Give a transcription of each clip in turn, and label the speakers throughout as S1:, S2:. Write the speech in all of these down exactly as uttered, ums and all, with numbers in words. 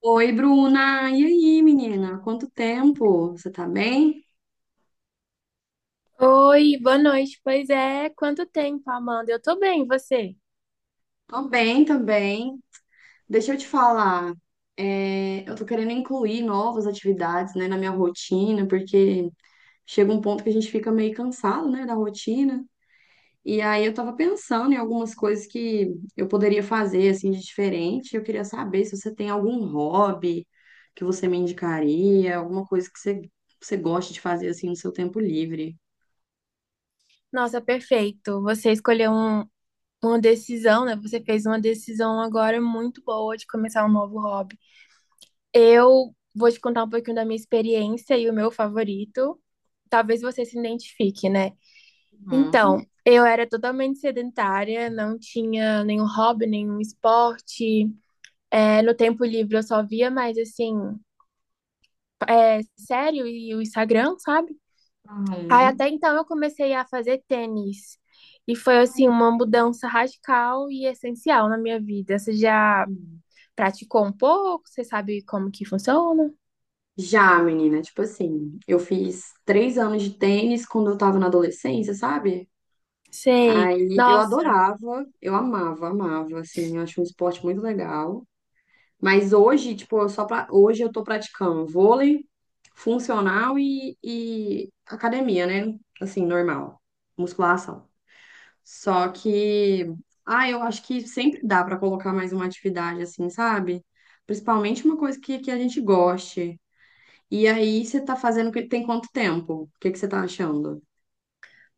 S1: Oi, Bruna. E aí, menina? Quanto tempo? Você tá bem?
S2: Oi, boa noite. Pois é, quanto tempo, Amanda? Eu tô bem, e você?
S1: Tô bem, tô bem. Deixa eu te falar. É, eu tô querendo incluir novas atividades, né, na minha rotina, porque chega um ponto que a gente fica meio cansado, né, da rotina. E aí eu tava pensando em algumas coisas que eu poderia fazer, assim, de diferente. Eu queria saber se você tem algum hobby que você me indicaria, alguma coisa que você, você gosta de fazer, assim, no seu tempo livre.
S2: Nossa, perfeito. Você escolheu um- uma decisão, né? Você fez uma decisão agora muito boa de começar um novo hobby. Eu vou te contar um pouquinho da minha experiência e o meu favorito. Talvez você se identifique, né?
S1: Hum.
S2: Então, eu era totalmente sedentária, não tinha nenhum hobby, nenhum esporte. É, no tempo livre eu só via mais assim, é, sério e o Instagram, sabe? Aí
S1: Uhum.
S2: até então eu comecei a fazer tênis. E
S1: Ai, que
S2: foi assim uma
S1: maravilha.
S2: mudança radical e essencial na minha vida. Você já
S1: Hum.
S2: praticou um pouco? Você sabe como que funciona?
S1: Já, menina, tipo assim, eu fiz três anos de tênis quando eu tava na adolescência, sabe?
S2: Sei.
S1: Aí eu
S2: Nossa,
S1: adorava, eu amava, amava, assim, eu acho um esporte muito legal. Mas hoje, tipo, eu só pra... hoje eu tô praticando vôlei funcional e, e academia, né? Assim, normal, musculação. Só que, ah, eu acho que sempre dá pra colocar mais uma atividade, assim, sabe? Principalmente uma coisa que, que a gente goste. E aí você tá fazendo que- tem quanto tempo? O que que você tá achando?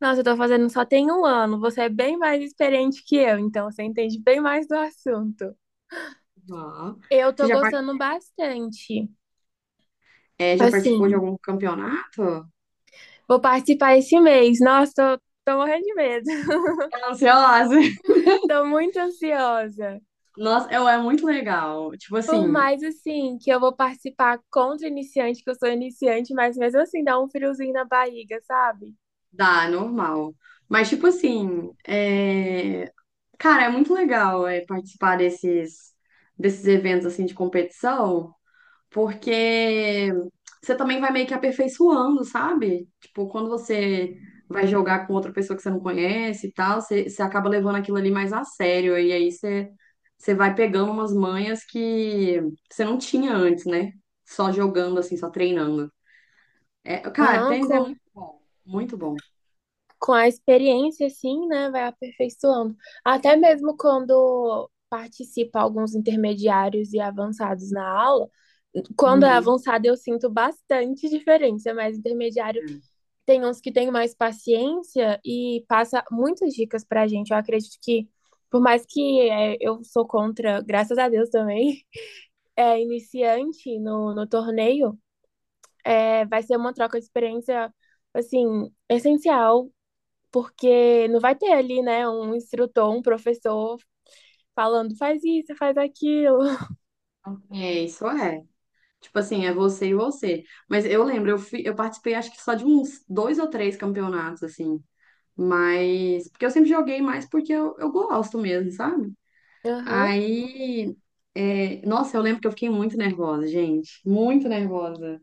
S2: nossa, eu tô fazendo só tem um ano. Você é bem mais experiente que eu, então você entende bem mais do assunto.
S1: Ó.
S2: Eu
S1: Você
S2: tô
S1: já, par-
S2: gostando bastante.
S1: é, já participou de
S2: Assim,
S1: algum campeonato?
S2: vou participar esse mês. Nossa, tô, tô morrendo de medo.
S1: Tô ansiosa.
S2: Tô muito ansiosa.
S1: Nossa, eu, é muito legal. Tipo
S2: Por
S1: assim,
S2: mais assim que eu vou participar contra iniciante, que eu sou iniciante, mas mesmo assim dá um friozinho na barriga, sabe?
S1: dá, é normal. Mas, tipo assim, é... cara, é muito legal é, participar desses, desses eventos assim de competição. Porque você também vai meio que aperfeiçoando, sabe? Tipo, quando você vai jogar com outra pessoa que você não conhece e tal, você, você acaba levando aquilo ali mais a sério, e aí você, você vai pegando umas manhas que você não tinha antes, né? Só jogando, assim, só treinando. É, cara,
S2: Aham,
S1: tênis é
S2: com,
S1: muito bom, muito bom.
S2: com a experiência, assim, né? Vai aperfeiçoando. Até mesmo quando participa alguns intermediários e avançados na aula, quando é
S1: Uhum.
S2: avançado eu sinto bastante diferença, mas intermediário tem uns que têm mais paciência e passa muitas dicas pra gente. Eu acredito que, por mais que é, eu sou contra, graças a Deus também. É, iniciante no, no torneio, é, vai ser uma troca de experiência, assim, essencial, porque não vai ter ali, né, um instrutor, um professor falando faz isso, faz aquilo.
S1: É, isso é. Tipo assim, é você e você. Mas eu lembro, eu fui, eu participei acho que só de uns dois ou três campeonatos, assim. Mas, porque eu sempre joguei mais porque eu, eu gosto mesmo, sabe?
S2: Aham.
S1: Aí, é, nossa, eu lembro que eu fiquei muito nervosa, gente, muito nervosa.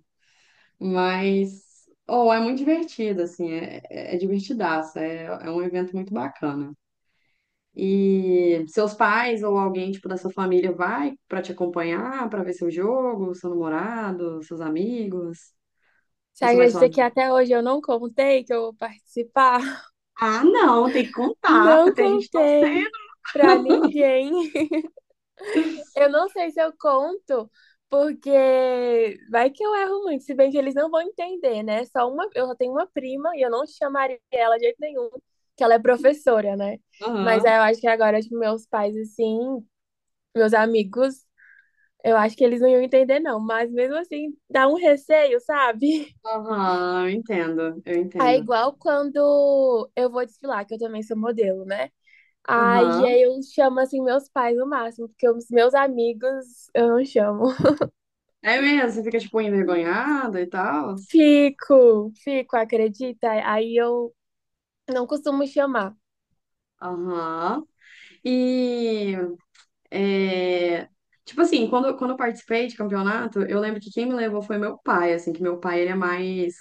S1: Mas, oh, é muito divertido, assim, é, é é divertidaço, é, é um evento muito bacana. E seus pais ou alguém, tipo, da sua família vai pra te acompanhar, pra ver seu jogo, seu namorado, seus amigos?
S2: Você
S1: Ou você vai
S2: acredita que
S1: sozinho?
S2: até hoje eu não contei que eu vou participar?
S1: Ah, não, tem que contar pra
S2: Não
S1: ter gente
S2: contei
S1: torcendo.
S2: pra ninguém. Eu não sei se eu conto, porque vai que eu erro muito, se bem que eles não vão entender, né? Só uma, eu só tenho uma prima e eu não chamaria ela de jeito nenhum, que ela é professora, né? Mas aí
S1: Aham.
S2: eu acho que agora, tipo, meus pais, assim, meus amigos, eu acho que eles não iam entender, não. Mas mesmo assim, dá um receio, sabe?
S1: Aham, eu entendo, eu
S2: É
S1: entendo.
S2: igual quando eu vou desfilar, que eu também sou modelo, né? Aí
S1: Aham.
S2: aí eu chamo, assim, meus pais no máximo, porque os meus amigos eu não chamo.
S1: É mesmo, você fica, tipo, envergonhada e tal?
S2: Fico, fico, acredita? Aí eu não costumo chamar.
S1: Aham. E, é, tipo assim, quando, quando eu participei de campeonato, eu lembro que quem me levou foi meu pai, assim, que meu pai, ele é mais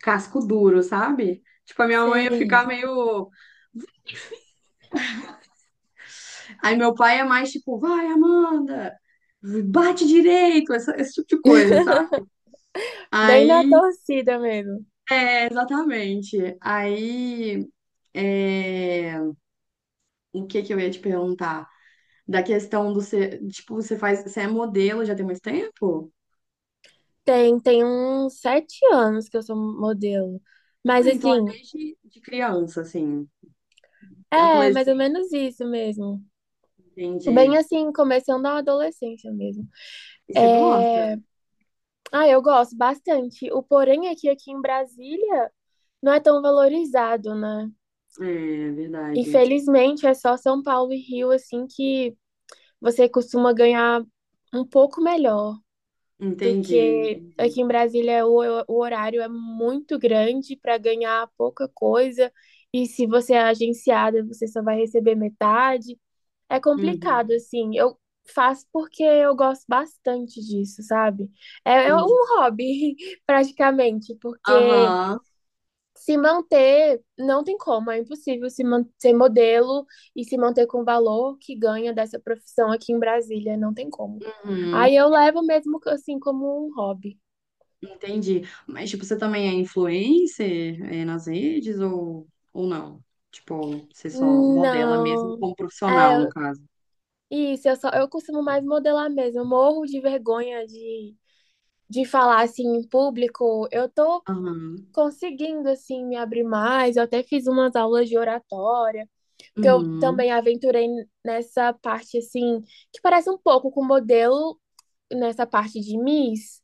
S1: casco duro, sabe? Tipo, a minha mãe ia
S2: Sei.
S1: ficar meio... Aí meu pai é mais, tipo, vai, Amanda, bate direito, essa- esse tipo de coisa, sabe?
S2: Bem na
S1: Aí,
S2: torcida mesmo.
S1: é, exatamente. Aí... É... O que que eu ia te perguntar? Da questão do ser, tipo, você faz, você é modelo já tem muito tempo?
S2: Tem, tem uns sete anos que eu sou modelo. Mas
S1: Ah, então é
S2: assim,
S1: desde de criança, assim,
S2: é mais ou
S1: adolescente,
S2: menos isso mesmo. Bem
S1: entendi.
S2: assim, começando a adolescência mesmo.
S1: E você gosta?
S2: É... Ah, eu gosto bastante. O porém é que aqui em Brasília não é tão valorizado, né?
S1: É, verdade.
S2: Infelizmente, é só São Paulo e Rio, assim, que você costuma ganhar um pouco melhor do
S1: Entendi,
S2: que
S1: entendi.
S2: aqui em Brasília. O, o horário é muito grande para ganhar pouca coisa e se você é agenciada, você só vai receber metade. É complicado,
S1: Uhum,
S2: assim. Eu faço porque eu gosto bastante disso, sabe? É, é
S1: entendi.
S2: um hobby, praticamente, porque
S1: Aham,
S2: se manter, não tem como, é impossível se man- ser modelo e se manter com o valor que ganha dessa profissão aqui em Brasília, não tem como.
S1: uhum,
S2: Aí eu levo mesmo assim como um hobby.
S1: entendi. Mas, tipo, você também é influencer, é, nas redes ou, ou não? Tipo, você só modela mesmo
S2: Não.
S1: como profissional, no
S2: É,
S1: caso.
S2: isso, eu só eu costumo mais modelar mesmo. Eu morro de vergonha de, de falar assim em público. Eu tô
S1: Aham,
S2: conseguindo assim me abrir mais. Eu até fiz umas aulas de oratória, porque eu
S1: uhum,
S2: também aventurei nessa parte assim que parece um pouco com modelo nessa parte de Miss,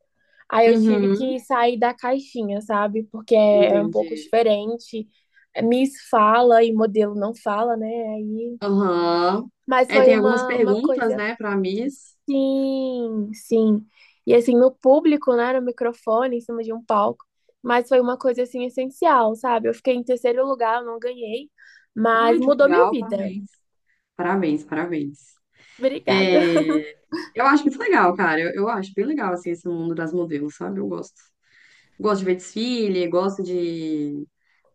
S2: aí eu tive
S1: uhum,
S2: que sair da caixinha, sabe? Porque é, é um pouco
S1: entendi.
S2: diferente. É, Miss fala e modelo não fala, né? Aí,
S1: Aham.
S2: mas
S1: É,
S2: foi
S1: tem algumas
S2: uma, uma
S1: perguntas,
S2: coisa.
S1: né, para Miss.
S2: Sim, sim. E assim, no público, né? No microfone, em cima de um palco. Mas foi uma coisa assim essencial, sabe? Eu fiquei em terceiro lugar, eu não ganhei,
S1: Ai,
S2: mas
S1: que
S2: mudou minha
S1: legal,
S2: vida.
S1: parabéns. Parabéns, parabéns.
S2: Obrigada.
S1: É, eu acho muito legal, cara. Eu, eu acho bem legal, assim, esse mundo das modelos, sabe? Eu gosto. Gosto de ver desfile, gosto de,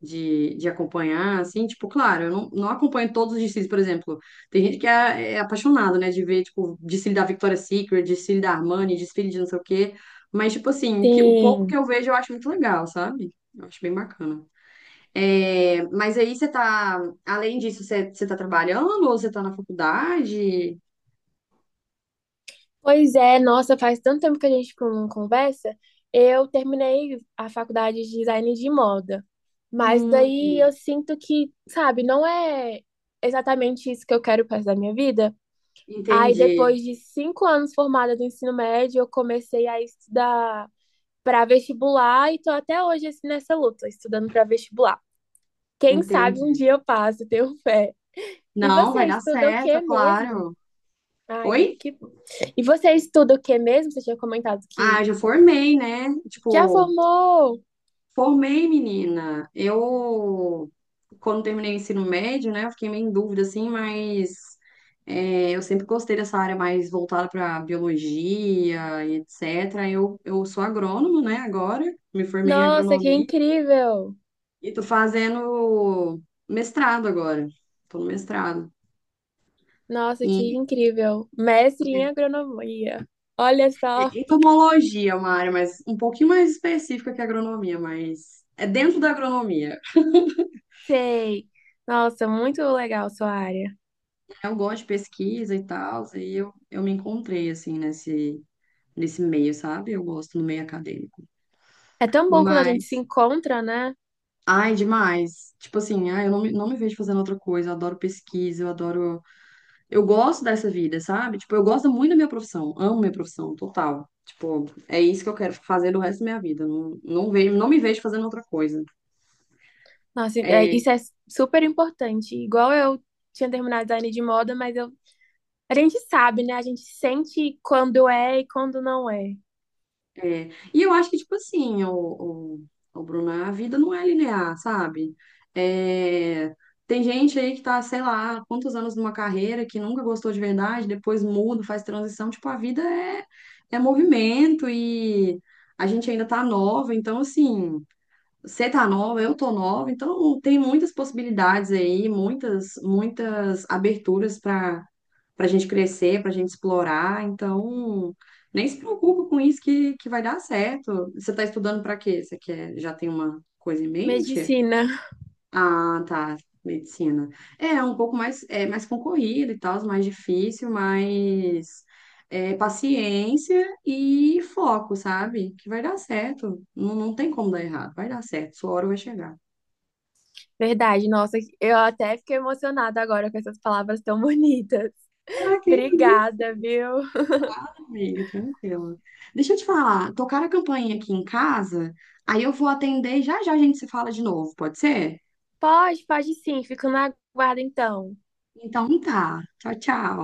S1: de, de acompanhar, assim. Tipo, claro, eu não, não acompanho todos os desfiles, por exemplo. Tem gente que é, é apaixonado, né, de ver, tipo, desfile da Victoria's Secret, desfile da Armani, desfile de não sei o quê. Mas, tipo assim, que, o pouco que
S2: Sim.
S1: eu vejo eu acho muito legal, sabe? Eu acho bem bacana. É, mas aí você tá, além disso, você, você tá trabalhando ou você tá na faculdade?
S2: Pois é, nossa, faz tanto tempo que a gente não conversa. Eu terminei a faculdade de design de moda, mas
S1: Hum,
S2: daí eu sinto que, sabe, não é exatamente isso que eu quero para o resto da minha vida. Aí,
S1: entendi,
S2: depois de cinco anos formada do ensino médio, eu comecei a estudar para vestibular e tô até hoje assim, nessa luta, estudando para vestibular. Quem sabe um
S1: entendi.
S2: dia eu passo, tenho fé. E
S1: Não,
S2: você
S1: vai dar
S2: estuda o
S1: certo,
S2: que
S1: é
S2: mesmo?
S1: claro.
S2: Ai,
S1: Oi?
S2: que... E você estuda o que mesmo? Você tinha comentado
S1: Ah,
S2: que
S1: já formei, né?
S2: já
S1: Tipo,
S2: formou!
S1: formei, menina. Eu, quando terminei o ensino médio, né, eu fiquei meio em dúvida, assim, mas é, eu sempre gostei dessa área mais voltada para biologia e et cetera. Eu, eu sou agrônomo, né, agora, me formei em
S2: Nossa, que
S1: agronomia.
S2: incrível!
S1: E tô fazendo mestrado agora. Tô no mestrado.
S2: Nossa, que
S1: E
S2: incrível! Mestre em agronomia. Olha só,
S1: entomologia, é uma área mais um pouquinho mais específica que a agronomia, mas é dentro da agronomia.
S2: sei. Nossa, muito legal sua área.
S1: Eu gosto de pesquisa e tal, e eu, eu me encontrei assim nesse nesse meio, sabe? Eu gosto no meio acadêmico.
S2: É tão bom quando a gente se
S1: Mas,
S2: encontra, né?
S1: ai, demais. Tipo assim, ai, eu não me, não me vejo fazendo outra coisa. Eu adoro pesquisa, eu adoro eu gosto dessa vida, sabe? Tipo, eu gosto muito da minha profissão, amo minha profissão, total. Tipo, é isso que eu quero fazer do resto da minha vida. Não, não vejo, não me vejo fazendo outra coisa.
S2: Nossa, é-
S1: É,
S2: isso é super importante. Igual eu tinha terminado design de moda, mas eu, a gente sabe, né? A gente sente quando é e quando não é.
S1: é. E eu acho que, tipo assim, o, o, o Bruno, a vida não é linear, sabe? É, tem gente aí que tá, sei lá, quantos anos numa carreira que nunca gostou de verdade, depois muda, faz transição. Tipo, a vida é, é movimento e a gente ainda tá nova, então, assim. Você tá nova, eu tô nova, então tem muitas possibilidades aí, muitas, muitas aberturas para para a gente crescer, para a gente explorar. Então, nem se preocupa com isso que, que vai dar certo. Você tá estudando para quê? Você quer, já tem uma coisa em mente?
S2: Medicina.
S1: Ah, tá. Medicina. É é um pouco mais, é, mais concorrido e tal, mais difícil, mas é, paciência e foco, sabe? Que vai dar certo. Não, não tem como dar errado. Vai dar certo. Sua hora vai chegar.
S2: Verdade, nossa, eu até fiquei emocionada agora com essas palavras tão bonitas.
S1: Ah, que isso?
S2: Obrigada, viu?
S1: Amiga, tranquila. Deixa eu te falar. Tocaram a campainha aqui em casa, aí eu vou atender e já já a gente se fala de novo, pode ser?
S2: Pode, pode sim. Fico na guarda então.
S1: Então tá. Tchau, tchau.